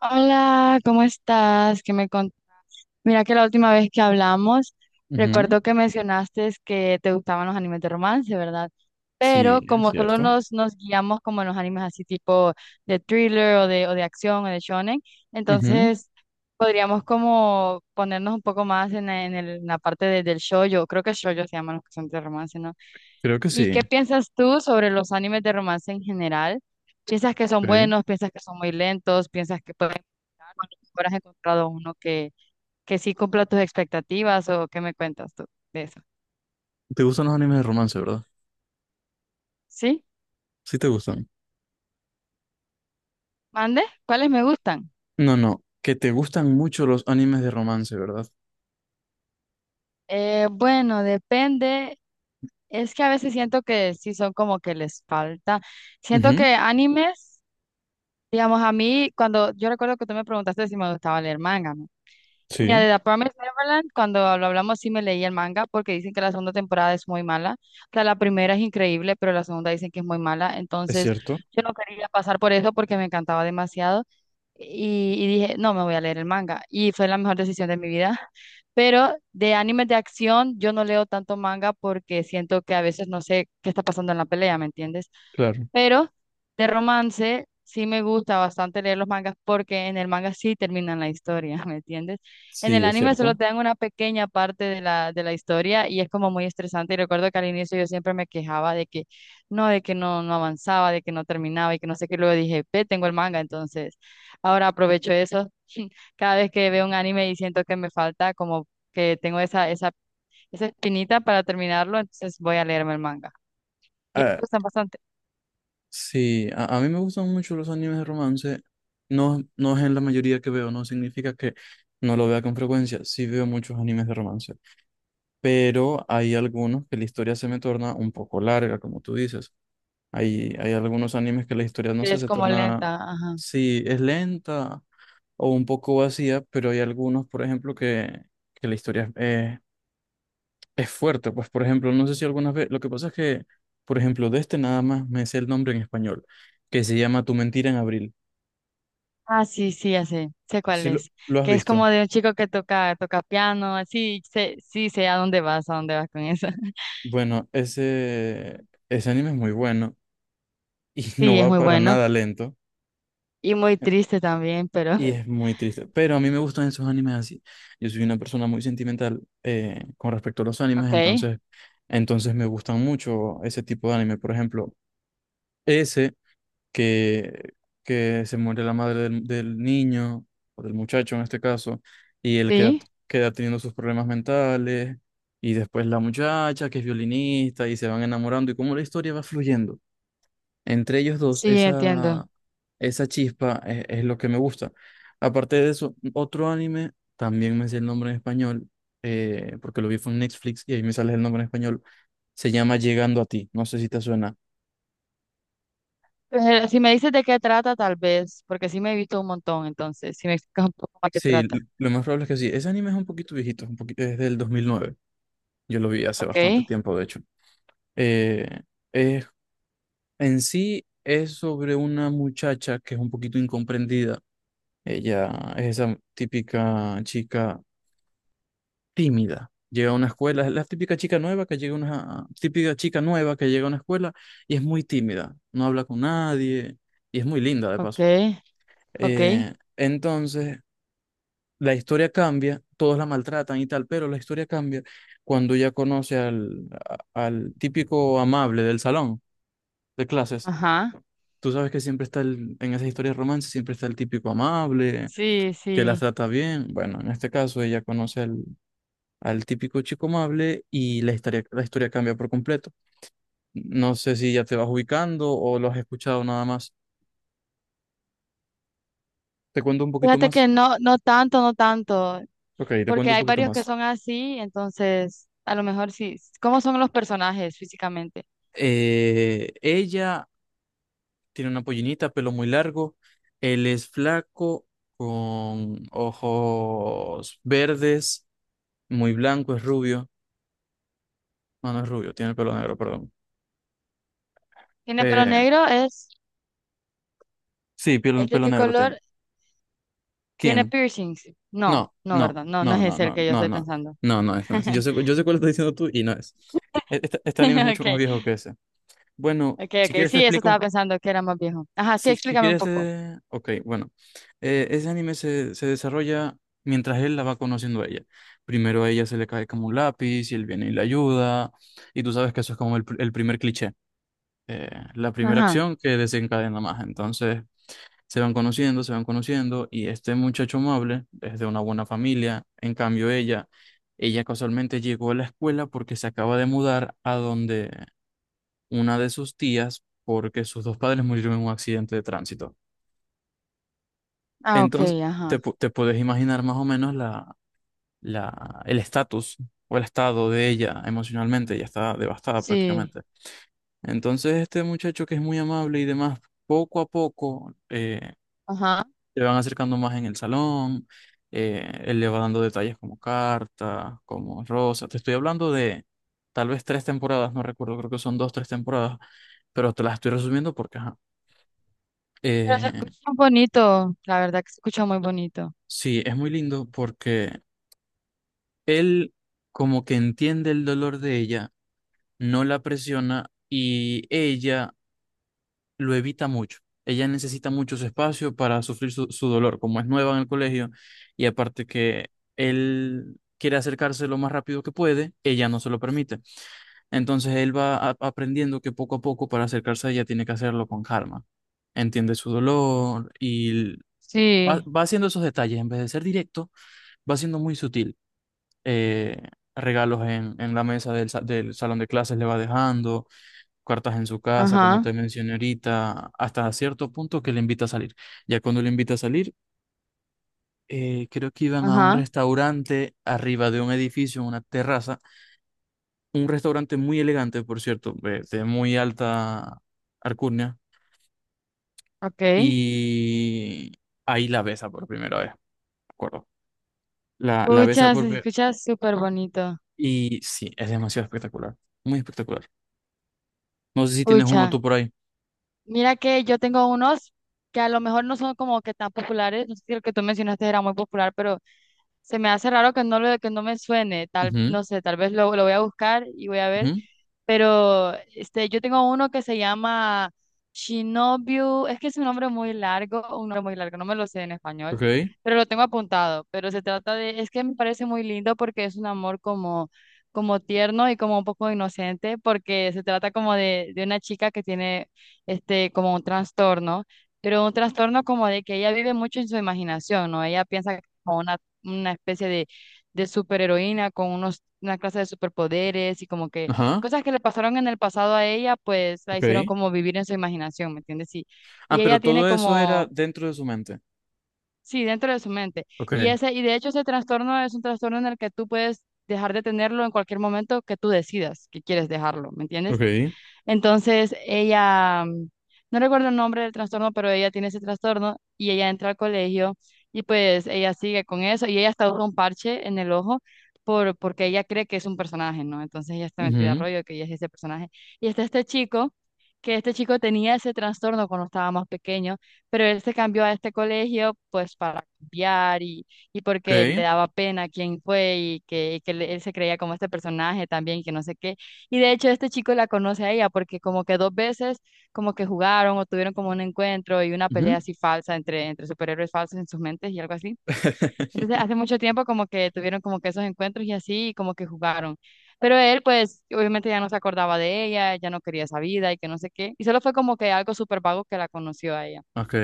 Hola, ¿cómo estás? Mira que la última vez que hablamos, Ujú. recuerdo que mencionaste que te gustaban los animes de romance, ¿verdad? Pero Sí, es como solo cierto. nos guiamos como en los animes así tipo de thriller o de acción o de shonen, Ujú. entonces podríamos como ponernos un poco más en la parte del shoujo, creo que shoujo se llaman los que son de romance, ¿no? Creo que ¿Y qué sí. piensas tú sobre los animes de romance en general? ¿Piensas que son Ok. buenos? ¿Piensas que son muy lentos? ¿Piensas que pueden mejorar? ¿O a lo mejor ¿Has encontrado que sí cumpla tus expectativas o qué me cuentas tú de eso? ¿Te gustan los animes de romance, verdad? ¿Sí? Sí te gustan. ¿Mande? ¿Cuáles me gustan? No, no, que te gustan mucho los animes de romance, ¿verdad? Bueno, depende. Es que a veces siento que sí son como que les falta. Siento Ujú. que animes, digamos, a mí, cuando yo recuerdo que tú me preguntaste si me gustaba leer manga, mira, Sí, de The Promised Neverland, cuando lo hablamos sí me leí el manga porque dicen que la segunda temporada es muy mala. O sea, la primera es increíble, pero la segunda dicen que es muy mala. es Entonces, cierto. yo no quería pasar por eso porque me encantaba demasiado. Y dije, no, me voy a leer el manga. Y fue la mejor decisión de mi vida. Pero de animes de acción, yo no leo tanto manga porque siento que a veces no sé qué está pasando en la pelea, ¿me entiendes? Claro. Pero de romance sí me gusta bastante leer los mangas porque en el manga sí terminan la historia, ¿me entiendes? En el Sí, es anime solo cierto. te dan una pequeña parte de la historia y es como muy estresante. Y recuerdo que al inicio yo siempre me quejaba de que no, de que no avanzaba, de que no terminaba y que no sé qué. Luego dije, ve, tengo el manga, entonces ahora aprovecho eso. Cada vez que veo un anime y siento que me falta, como que tengo esa espinita para terminarlo, entonces voy a leerme el manga. Y a ti Ah, te gustan bastante, sí, a mí me gustan mucho los animes de romance. No, no es en la mayoría que veo, no significa que no lo vea con frecuencia. Sí veo muchos animes de romance, pero hay algunos que la historia se me torna un poco larga, como tú dices. Hay algunos animes que la historia, no que sé, es se como torna, lenta, ajá. sí, es lenta o un poco vacía, pero hay algunos, por ejemplo, que la historia es fuerte. Pues, por ejemplo, no sé si algunas veces, lo que pasa es que, por ejemplo, de este nada más me sé el nombre en español, que se llama Tu mentira en abril. Ah, sí, sí, ya sé, sé cuál Si lo, es. lo has Que es como visto. de un chico que toca piano, así, sé, sí, sé a dónde vas con eso. Bueno, ese anime es muy bueno y no Sí, es va muy para bueno nada lento. y muy triste también, pero Y es muy triste. Pero a mí me gustan esos animes así. Yo soy una persona muy sentimental con respecto a los animes, ok, entonces me gustan mucho ese tipo de anime. Por ejemplo, ese que, que se muere la madre del niño, o del muchacho en este caso, y él queda, sí, queda teniendo sus problemas mentales, y después la muchacha que es violinista, y se van enamorando, y cómo la historia va fluyendo. Entre ellos dos, sí, entiendo. esa chispa es lo que me gusta. Aparte de eso, otro anime, también me sé el nombre en español, porque lo vi fue en Netflix y ahí me sale el nombre en español, se llama Llegando a ti, no sé si te suena. Pero si me dices de qué trata, tal vez, porque sí me he visto un montón, entonces, si me explicas un poco más qué Sí, trata. Lo más probable es que sí. Ese anime es un poquito viejito, un poquito, es del 2009. Yo lo vi hace Ok, bastante tiempo, de hecho. Eh, es- en sí es sobre una muchacha que es un poquito incomprendida. Ella es esa típica chica tímida. Llega a una escuela, es la típica chica nueva que llega a una típica chica nueva que llega a una escuela y es muy tímida, no habla con nadie y es muy linda de ok, paso. ok, Entonces, la historia cambia, todos la maltratan y tal, pero la historia cambia cuando ya conoce al, al típico amable del salón de clases. ajá, Tú sabes que siempre está en esas historias de romance, siempre está el típico amable sí, que las sí. trata bien. Bueno, en este caso ella conoce al típico chico amable y la historia cambia por completo. No sé si ya te vas ubicando o lo has escuchado nada más. ¿Te cuento un poquito Fíjate que más? no, no tanto, no tanto. Ok, te Porque cuento un hay poquito varios que más. son así, entonces a lo mejor sí. ¿Cómo son los personajes físicamente? Ella tiene una pollinita, pelo muy largo. Él es flaco, con ojos verdes, muy blanco, es rubio. No, no es rubio, tiene el pelo negro, perdón. ¿Tiene pelo Eh, negro? Sí, ¿Es pelo, de pelo qué negro tiene. color? ¿Tiene ¿Quién? piercings? No, No, no, no, ¿verdad? No, no es no, no, ese el no, que yo no, estoy no, pensando. no, no es, no es. Yo sé, yo sé cuál estás diciendo tú y no es. Este anime es mucho más Okay, viejo que ese. Bueno, okay, si okay. quieres te Sí, eso explico, estaba un- pensando que era más viejo. Ajá, sí, si, si explícame un quieres, poco. Ok, bueno. Ese anime se desarrolla mientras él la va conociendo a ella. Primero a ella se le cae como un lápiz y él viene y la ayuda. Y tú sabes que eso es como el, el primer cliché. eh, la primera Ajá. acción que desencadena más. Entonces, se van conociendo y este muchacho amable es de una buena familia. En cambio, ella casualmente llegó a la escuela porque se acaba de mudar a donde una de sus tías, porque sus dos padres murieron en un accidente de tránsito. Ah, Entonces, okay, ajá. te puedes imaginar más o menos la, el estatus o el estado de ella emocionalmente. Ella está devastada Sí, prácticamente. Entonces, este muchacho que es muy amable y demás, poco a poco ajá. se van acercando más en el salón, él le va dando detalles como carta, como rosa. Te estoy hablando de tal vez tres temporadas, no recuerdo, creo que son dos, tres temporadas, pero te las estoy resumiendo porque, ajá. Pero se Eh, escucha muy bonito, la verdad que se escucha muy bonito. sí, es muy lindo porque él como que entiende el dolor de ella, no la presiona y ella lo evita mucho. Ella necesita mucho su espacio para sufrir su dolor, como es nueva en el colegio, y aparte que él quiere acercarse lo más rápido que puede, ella no se lo permite. Entonces él va aprendiendo que poco a poco para acercarse a ella tiene que hacerlo con calma. Entiende su dolor y va, Sí, va haciendo esos detalles. En vez de ser directo, va siendo muy sutil. Eh, Regalos en la mesa del salón de clases le va dejando cartas en su casa, como ajá, te mencioné ahorita, hasta cierto punto que le invita a salir. Ya cuando le invita a salir, creo que iban a un ajá. restaurante arriba de un edificio, en una terraza, un restaurante muy elegante, por cierto, de muy alta alcurnia, Okay. y ahí la besa por primera vez, me acuerdo. La besa Pucha, por se primera escucha súper bonito. y sí, es demasiado espectacular, muy espectacular. No sé si tienes Pucha. uno tú por ahí. Mira que yo tengo unos que a lo mejor no son como que tan populares, no sé si el que tú mencionaste era muy popular, pero se me hace raro que no que no me suene, tal, Ujú. no sé, tal vez lo voy a buscar y voy a ver, Ujú. pero este, yo tengo uno que se llama Shinobu, es que es un nombre muy largo, un nombre muy largo, no me lo sé en español, Ok. pero lo tengo apuntado, pero se trata de, es que me parece muy lindo porque es un amor como como tierno y como un poco inocente, porque se trata como de una chica que tiene este, como un trastorno, pero un trastorno como de que ella vive mucho en su imaginación, ¿no? Ella piensa que es como una especie de superheroína con unos, una clase de superpoderes y como que Ajá. cosas que le pasaron en el pasado a ella, pues la Ok. hicieron como vivir en su imaginación, ¿me entiendes? Y Ah, ella pero tiene todo eso era como, dentro de su mente. sí, dentro de su mente. Ok. Y de hecho ese trastorno es un trastorno en el que tú puedes dejar de tenerlo en cualquier momento que tú decidas que quieres dejarlo, ¿me entiendes? Ok. Entonces ella, no recuerdo el nombre del trastorno, pero ella tiene ese trastorno y ella entra al colegio y pues ella sigue con eso y ella hasta usa un parche en el ojo porque ella cree que es un personaje, ¿no? Entonces ella está metida a Ujú. rollo que ella es ese personaje. Y está este chico, que este chico tenía ese trastorno cuando estaba más pequeño, pero él se cambió a este colegio pues para cambiar y porque le Ok. daba pena quién fue y que él se creía como este personaje también, que no sé qué. Y de hecho este chico la conoce a ella porque como que dos veces como que jugaron o tuvieron como un encuentro y una pelea Ujú. así falsa entre superhéroes falsos en sus mentes y algo así. Entonces hace mucho tiempo como que tuvieron como que esos encuentros y así y como que jugaron. Pero él pues obviamente ya no se acordaba de ella, ya no quería esa vida y que no sé qué. Y solo fue como que algo súper vago que la conoció a ella. Ok.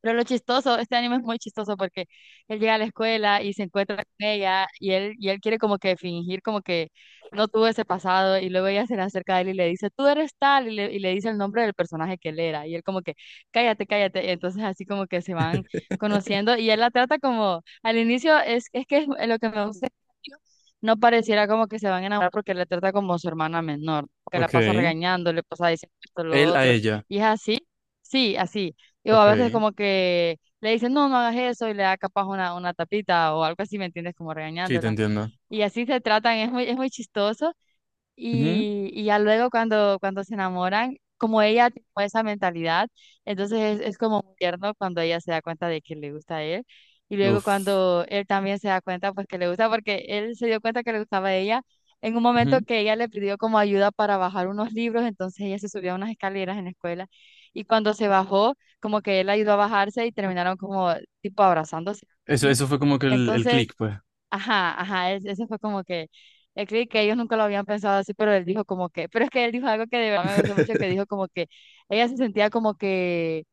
Pero lo chistoso, este anime es muy chistoso porque él llega a la escuela y se encuentra con ella y él quiere como que fingir como que no tuvo ese pasado y luego ella se le acerca a él y le dice, tú eres tal y le dice el nombre del personaje que él era y él como que, cállate, cállate. Y entonces así como que se van conociendo y él la trata como, al inicio es que es lo que me gusta, no pareciera como que se van a enamorar porque le trata como su hermana menor, que la pasa Ok. regañando, le pasa diciendo esto, lo Él a otro ella. y es así. Sí, así. Y o Ok, a veces como que le dicen, no, no hagas eso, y le da capaz una tapita o algo así, ¿me entiendes? Como sí, te regañándola. entiendo. Y así se tratan, es muy chistoso. Y ya luego cuando se enamoran, como ella tiene esa mentalidad, entonces es como muy tierno cuando ella se da cuenta de que le gusta a él. Y Ujú. luego Uf. cuando él también se da cuenta, pues que le gusta, porque él se dio cuenta que le gustaba a ella en un momento Ujú. que ella le pidió como ayuda para bajar unos libros, entonces ella se subió a unas escaleras en la escuela. Y cuando se bajó, como que él la ayudó a bajarse y terminaron como tipo abrazándose, Eso, ¿sí? eso fue como que el Entonces... click, pues. Ajá, ajá, ese fue como que el clic que ellos nunca lo habían pensado así, pero él dijo como que, pero es que él dijo algo que de verdad me gustó mucho, que dijo como que ella se sentía como que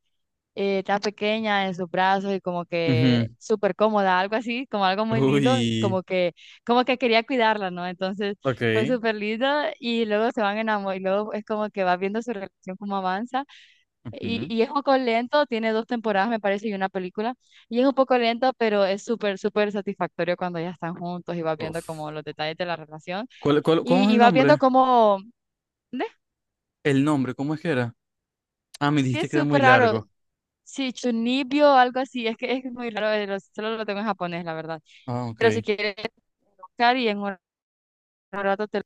tan pequeña en sus brazos y como que Ujú. súper cómoda, algo así, como algo muy lindo, Uy, como que quería cuidarla, ¿no? Entonces fue ok. súper lindo y luego se van enamorando y luego es como que va viendo su relación como avanza y, Ujú. y es un poco lento, tiene dos temporadas, me parece, y una película. Y es un poco lento, pero es súper satisfactorio cuando ya están juntos y vas viendo Uf. como los detalles de la relación. ¿Cómo Y, es y el vas viendo nombre? como... ¿Ve? El nombre, ¿cómo es que era? Ah, me Es que dijiste es que era muy súper raro. largo. Sí, Chunibyo, algo así. Es que es muy raro, solo lo tengo en japonés, la verdad. Ah, ok, Pero si quieres buscar y en un rato te...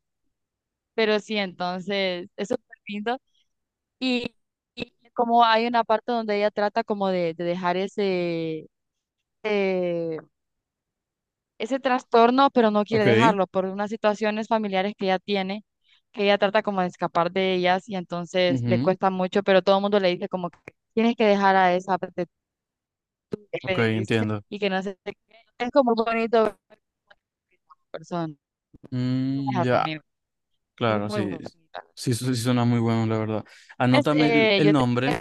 Pero sí, entonces es súper lindo. Y, y como hay una parte donde ella trata como de dejar ese... eh, ese trastorno, pero no quiere ok. dejarlo por unas situaciones familiares que ella tiene, que ella trata como de escapar de ellas y entonces le Ujú. cuesta mucho, pero todo el mundo le dice como que tienes que dejar a esa parte que Ok, le dice, entiendo. y que no se te. Es como muy bonito ver a persona, como Mm, dejarlo, ya. amigo. Es Claro, muy sí, bonita. sí, sí suena muy bueno, la verdad. Es, Anótame el, eh, el yo te, nombre.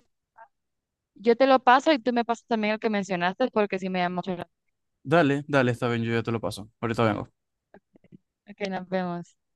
yo te lo paso y tú me pasas también el que mencionaste porque sí me llama mucho la- Dale, dale, está bien, yo ya te lo paso. Ahorita vengo. atención. Ok, nos vemos.